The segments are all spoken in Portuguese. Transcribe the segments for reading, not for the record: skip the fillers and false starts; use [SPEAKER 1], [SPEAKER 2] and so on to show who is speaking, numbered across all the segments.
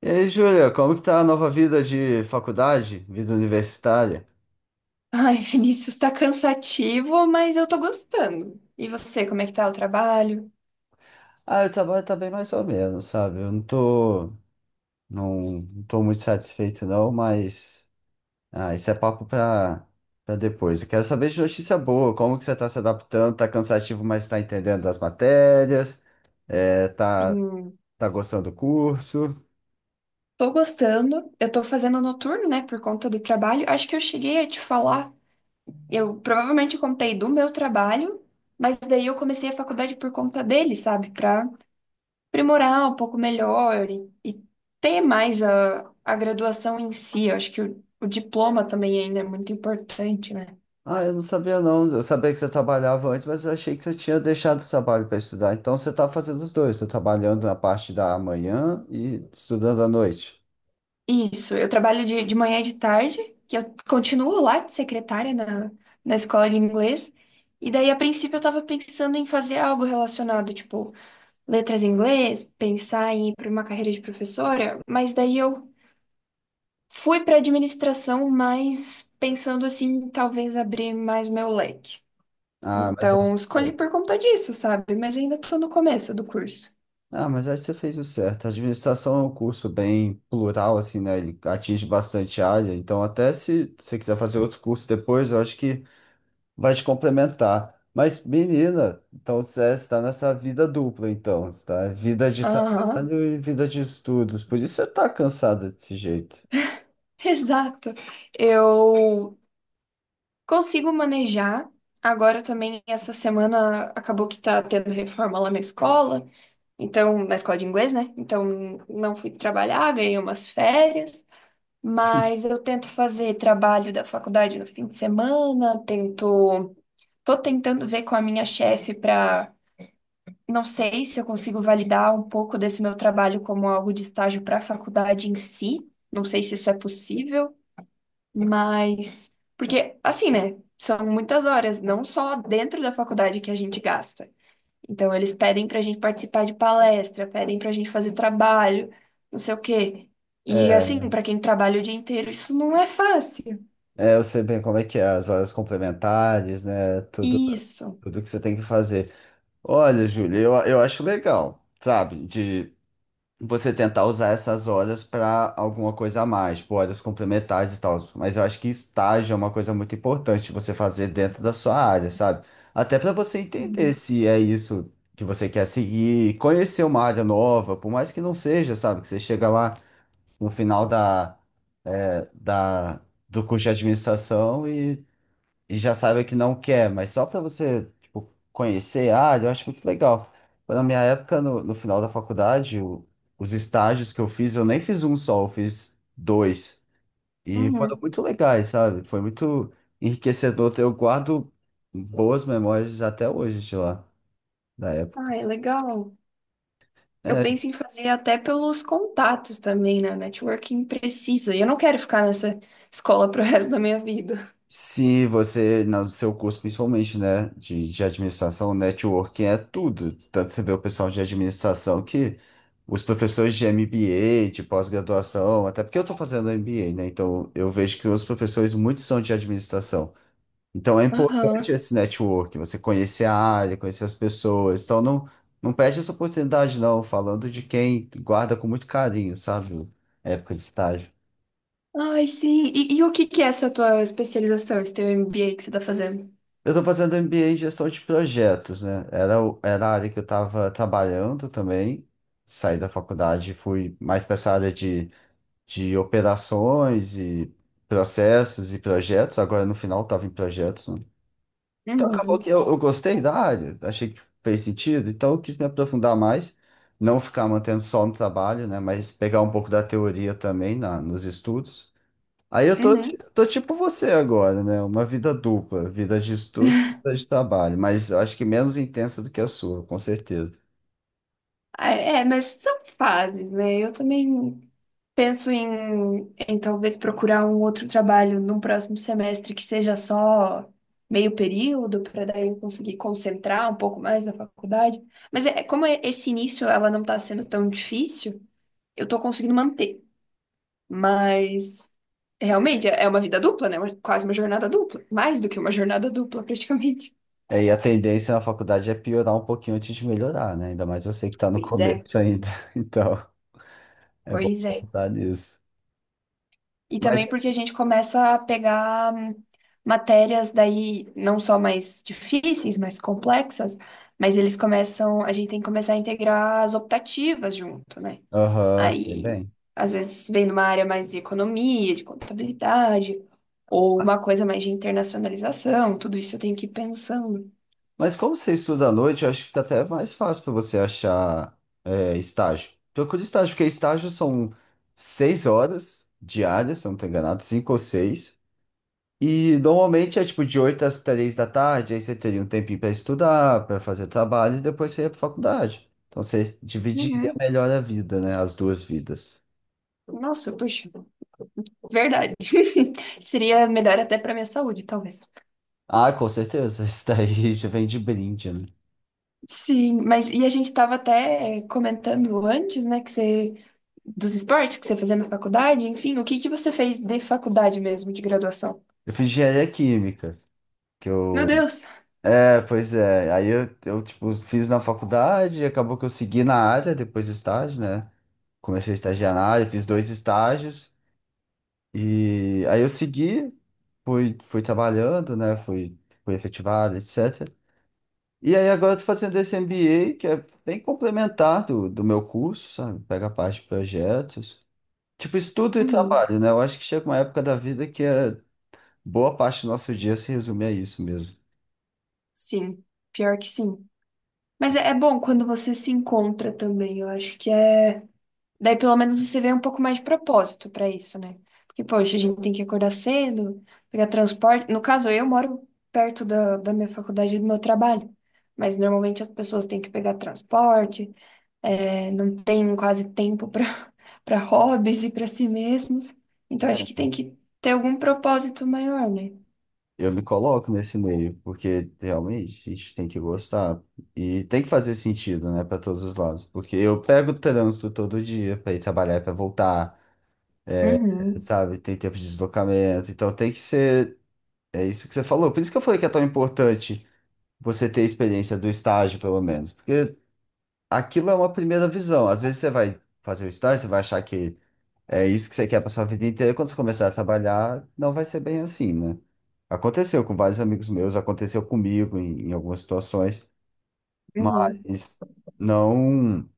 [SPEAKER 1] E aí, Júlia, como que tá a nova vida de faculdade, vida universitária?
[SPEAKER 2] Ai, Vinícius, tá cansativo, mas eu tô gostando. E você, como é que tá o trabalho?
[SPEAKER 1] Ah, o trabalho tá bem mais ou menos, sabe? Eu não tô, não, não tô muito satisfeito, não, mas isso é papo pra depois. Eu quero saber de notícia boa. Como que você tá se adaptando? Tá cansativo, mas tá entendendo as matérias, é, tá,
[SPEAKER 2] Sim,
[SPEAKER 1] tá gostando do curso?
[SPEAKER 2] tô gostando. Eu tô fazendo noturno, né, por conta do trabalho. Acho que eu cheguei a te falar. Eu provavelmente contei do meu trabalho, mas daí eu comecei a faculdade por conta dele, sabe? Pra aprimorar um pouco melhor e ter mais a graduação em si. Eu acho que o diploma também ainda é muito importante, né?
[SPEAKER 1] Ah, eu não sabia, não. Eu sabia que você trabalhava antes, mas eu achei que você tinha deixado o trabalho para estudar. Então você está fazendo os dois, tá trabalhando na parte da manhã e estudando à noite.
[SPEAKER 2] Isso, eu trabalho de manhã e de tarde, que eu continuo lá de secretária na escola de inglês. E daí, a princípio, eu tava pensando em fazer algo relacionado, tipo, letras em inglês, pensar em ir para uma carreira de professora, mas daí eu fui para administração, mas pensando assim, talvez abrir mais meu leque.
[SPEAKER 1] Ah, mas
[SPEAKER 2] Então, escolhi por conta disso, sabe? Mas ainda tô no começo do curso.
[SPEAKER 1] Ah, mas aí você fez o certo. A administração é um curso bem plural, assim, né? Ele atinge bastante área. Então, até se você quiser fazer outros cursos depois, eu acho que vai te complementar. Mas, menina, então você está nessa vida dupla, então, tá? Vida de
[SPEAKER 2] Aham,
[SPEAKER 1] trabalho e vida de estudos. Por isso você tá cansada desse jeito.
[SPEAKER 2] exato. Eu consigo manejar. Agora também, essa semana, acabou que tá tendo reforma lá na escola, então, na escola de inglês, né? Então, não fui trabalhar, ganhei umas férias, mas eu tento fazer trabalho da faculdade no fim de semana, tento. Tô tentando ver com a minha chefe para. Não sei se eu consigo validar um pouco desse meu trabalho como algo de estágio para a faculdade em si. Não sei se isso é possível. Mas, porque assim, né? São muitas horas, não só dentro da faculdade que a gente gasta. Então, eles pedem pra gente participar de palestra, pedem pra gente fazer trabalho, não sei o quê. E
[SPEAKER 1] É,
[SPEAKER 2] assim, pra quem trabalha o dia inteiro, isso não é fácil.
[SPEAKER 1] é, eu sei bem como é que é, as horas complementares, né? Tudo,
[SPEAKER 2] Isso.
[SPEAKER 1] tudo que você tem que fazer. Olha, Júlia, eu acho legal, sabe? Você tentar usar essas horas para alguma coisa a mais, tipo, horas complementares e tal. Mas eu acho que estágio é uma coisa muito importante você fazer dentro da sua área, sabe? Até para você entender
[SPEAKER 2] Uhum.
[SPEAKER 1] se é isso que você quer seguir, conhecer uma área nova, por mais que não seja, sabe? Que você chega lá no final é, da, do curso de administração e já saiba que não quer, mas só para você, tipo, conhecer a área, eu acho muito legal. Na minha época, no final da faculdade, os estágios que eu fiz, eu nem fiz um só, eu fiz dois. E foram
[SPEAKER 2] Uhum.
[SPEAKER 1] muito legais, sabe? Foi muito enriquecedor. Eu guardo boas memórias até hoje de lá, da época.
[SPEAKER 2] Ai, legal. Eu
[SPEAKER 1] É,
[SPEAKER 2] penso em fazer até pelos contatos também, né? Networking precisa. E eu não quero ficar nessa escola pro resto da minha vida.
[SPEAKER 1] se você, no seu curso principalmente, né, de administração, networking é tudo. Tanto você vê o pessoal de administração que os professores de MBA, de pós-graduação, até porque eu estou fazendo MBA, né, então eu vejo que os professores muitos são de administração. Então é importante
[SPEAKER 2] Aham.
[SPEAKER 1] esse network, você conhecer a área, conhecer as pessoas. Então, não, não perde essa oportunidade, não, falando de quem guarda com muito carinho, sabe, a época de estágio.
[SPEAKER 2] Ai, sim. E o que que é essa tua especialização, esse teu MBA que você tá fazendo?
[SPEAKER 1] Eu estou fazendo MBA em gestão de projetos, né? Era a área que eu estava trabalhando também. Saí da faculdade e fui mais para essa área de operações e processos e projetos. Agora, no final, estava em projetos, né? Então, acabou que
[SPEAKER 2] Uhum,
[SPEAKER 1] eu gostei da área, achei que fez sentido, então eu quis me aprofundar mais, não ficar mantendo só no trabalho, né? Mas pegar um pouco da teoria também nos estudos. Aí eu tô, ti-
[SPEAKER 2] uhum.
[SPEAKER 1] tô tipo você agora, né? Uma vida dupla, vida de estudo, vida de trabalho, mas eu acho que menos intensa do que a sua, com certeza.
[SPEAKER 2] Ah, é, é, mas são fases, né? Eu também penso em talvez procurar um outro trabalho num próximo semestre que seja só meio período, para daí eu conseguir concentrar um pouco mais na faculdade. Mas é, como é- esse início ela não está sendo tão difícil, eu estou conseguindo manter. Mas realmente é uma vida dupla, né? Uma- Quase uma jornada dupla. Mais do que uma jornada dupla, praticamente.
[SPEAKER 1] É, e a tendência na faculdade é piorar um pouquinho antes de melhorar, né? Ainda mais você que tá no
[SPEAKER 2] Pois é.
[SPEAKER 1] começo ainda. Então, é bom
[SPEAKER 2] Pois é.
[SPEAKER 1] pensar nisso.
[SPEAKER 2] E
[SPEAKER 1] Mas,
[SPEAKER 2] também porque a gente começa a pegar matérias daí não só mais difíceis, mais complexas, mas eles começam, a gente tem que começar a integrar as optativas junto, né?
[SPEAKER 1] aham, sei
[SPEAKER 2] Aí,
[SPEAKER 1] bem.
[SPEAKER 2] às vezes vem numa área mais de economia, de contabilidade, ou uma coisa mais de internacionalização, tudo isso eu tenho que ir pensando.
[SPEAKER 1] Mas como você estuda à noite, eu acho que fica até mais fácil para você achar estágio. Procura estágio, porque estágio são 6 horas diárias, se eu não estou enganado, 5 ou 6. E normalmente é tipo de 8 às 3 da tarde, aí você teria um tempinho para estudar, para fazer trabalho e depois você ia para faculdade. Então você dividiria
[SPEAKER 2] Uhum.
[SPEAKER 1] melhor a vida, né? As duas vidas.
[SPEAKER 2] Nossa, puxa, verdade. Seria melhor até para minha saúde, talvez.
[SPEAKER 1] Ah, com certeza, isso daí já vem de brinde, né?
[SPEAKER 2] Sim, mas e a gente estava até comentando antes, né, que você dos esportes que você fazia na faculdade, enfim, o que que você fez de faculdade mesmo, de graduação?
[SPEAKER 1] Eu fiz engenharia química, que
[SPEAKER 2] Meu
[SPEAKER 1] eu.
[SPEAKER 2] Deus.
[SPEAKER 1] É, pois é. Aí eu tipo, fiz na faculdade, e acabou que eu segui na área depois do estágio, né? Comecei a estagiar na área, fiz dois estágios. E aí eu segui. Fui trabalhando, né? Fui efetivado, etc. E aí agora eu tô fazendo esse MBA, que é bem complementar do meu curso, sabe? Pega a parte de projetos. Tipo, estudo e
[SPEAKER 2] Uhum.
[SPEAKER 1] trabalho, né? Eu acho que chega uma época da vida que é boa parte do nosso dia se resume a isso mesmo.
[SPEAKER 2] Sim, pior que sim. Mas é, é bom quando você se encontra também, eu acho que é daí pelo menos você vê um pouco mais de propósito pra isso, né? Porque, poxa, a gente tem que acordar cedo, pegar transporte. No caso, eu moro perto da minha faculdade e do meu trabalho. Mas normalmente as pessoas têm que pegar transporte, é, não tem quase tempo para para hobbies e para si mesmos. Então acho que tem que ter algum propósito maior, né?
[SPEAKER 1] Eu me coloco nesse meio, porque realmente a gente tem que gostar e tem que fazer sentido, né, para todos os lados. Porque eu pego o trânsito todo dia para ir trabalhar, para voltar,
[SPEAKER 2] Uhum,
[SPEAKER 1] sabe? Tem tempo de deslocamento, então tem que ser. É isso que você falou. Por isso que eu falei que é tão importante você ter a experiência do estágio, pelo menos. Porque aquilo é uma primeira visão. Às vezes você vai fazer o estágio, você vai achar que é isso que você quer para sua vida inteira. E quando você começar a trabalhar, não vai ser bem assim, né? Aconteceu com vários amigos meus, aconteceu comigo em algumas situações,
[SPEAKER 2] uhum.
[SPEAKER 1] mas não,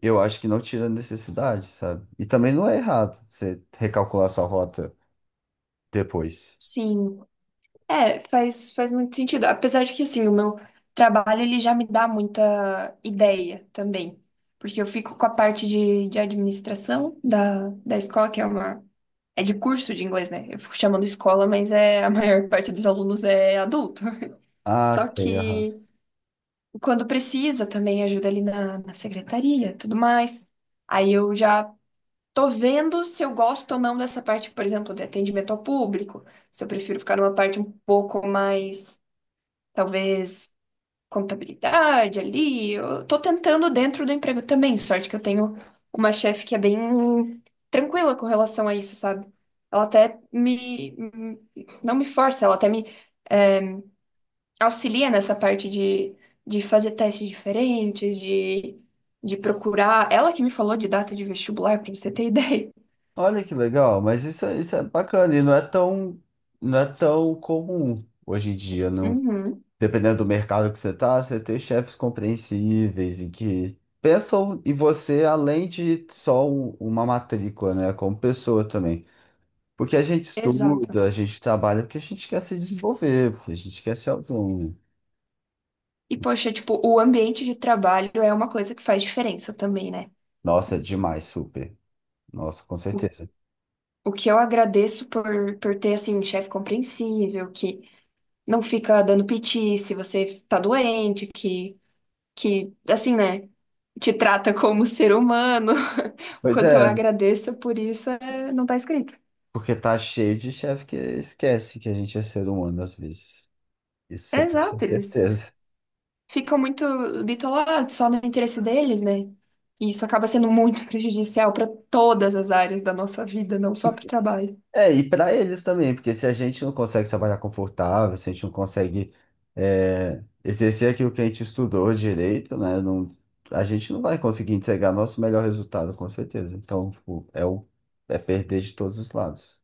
[SPEAKER 1] eu acho que não tira a necessidade, sabe? E também não é errado você recalcular sua rota depois.
[SPEAKER 2] Sim. É, faz muito sentido. Apesar de que, assim, o meu trabalho, ele já me dá muita ideia também. Porque eu fico com a parte de administração da escola, que é uma... É de curso de inglês, né? Eu fico chamando escola, mas é, a maior parte dos alunos é adulto.
[SPEAKER 1] Ah,
[SPEAKER 2] Só
[SPEAKER 1] sei, aham.
[SPEAKER 2] que quando precisa, também ajuda ali na secretaria, tudo mais. Aí eu já tô vendo se eu gosto ou não dessa parte, por exemplo, de atendimento ao público. Se eu prefiro ficar numa parte um pouco mais talvez contabilidade ali. Eu tô tentando dentro do emprego também. Sorte que eu tenho uma chefe que é bem tranquila com relação a isso, sabe? Ela até me, não me força, ela até me auxilia nessa parte de fazer testes diferentes, de procurar. Ela que me falou de data de vestibular, pra você ter ideia.
[SPEAKER 1] Olha que legal, mas isso, isso é bacana e não é tão, não é tão comum hoje em dia, não.
[SPEAKER 2] Uhum,
[SPEAKER 1] Dependendo do mercado que você tá, você ter chefes compreensíveis e que pensam em você além de só uma matrícula, né, como pessoa também. Porque a gente
[SPEAKER 2] exato.
[SPEAKER 1] estuda, a gente trabalha porque a gente quer se desenvolver, porque a gente quer ser autônomo.
[SPEAKER 2] E poxa, tipo, o ambiente de trabalho é uma coisa que faz diferença também, né?
[SPEAKER 1] Nossa, é demais, super. Nossa, com certeza.
[SPEAKER 2] O que eu agradeço por ter, assim, chefe compreensível, que não fica dando piti se você tá doente, que, assim, né, te trata como ser humano. O
[SPEAKER 1] Pois
[SPEAKER 2] quanto eu
[SPEAKER 1] é,
[SPEAKER 2] agradeço por isso é- não tá escrito.
[SPEAKER 1] porque tá cheio de chefe que esquece que a gente é ser humano às vezes. Isso
[SPEAKER 2] É
[SPEAKER 1] você pode ter
[SPEAKER 2] exato, eles
[SPEAKER 1] certeza.
[SPEAKER 2] ficam muito bitolados só no interesse deles, né? E isso acaba sendo muito prejudicial para todas as áreas da nossa vida, não só
[SPEAKER 1] E-
[SPEAKER 2] para o trabalho.
[SPEAKER 1] É, e para eles também, porque se a gente não consegue trabalhar confortável, se a gente não consegue exercer aquilo que a gente estudou direito, né? Não, a gente não vai conseguir entregar nosso melhor resultado, com certeza. Então, tipo, é perder de todos os lados.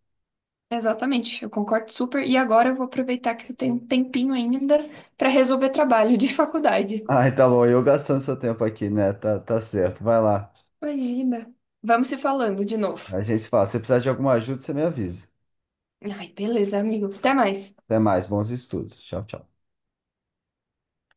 [SPEAKER 2] Exatamente, eu concordo super. E agora eu vou aproveitar que eu tenho um tempinho ainda para resolver trabalho de faculdade.
[SPEAKER 1] Ah, tá bom, eu gastando seu tempo aqui, né? Tá, tá certo, vai lá.
[SPEAKER 2] Imagina. Vamos se falando de novo.
[SPEAKER 1] A gente se fala. Se precisar de alguma ajuda, você me avisa.
[SPEAKER 2] Ai, beleza, amigo. Até mais.
[SPEAKER 1] Até mais, bons estudos. Tchau, tchau.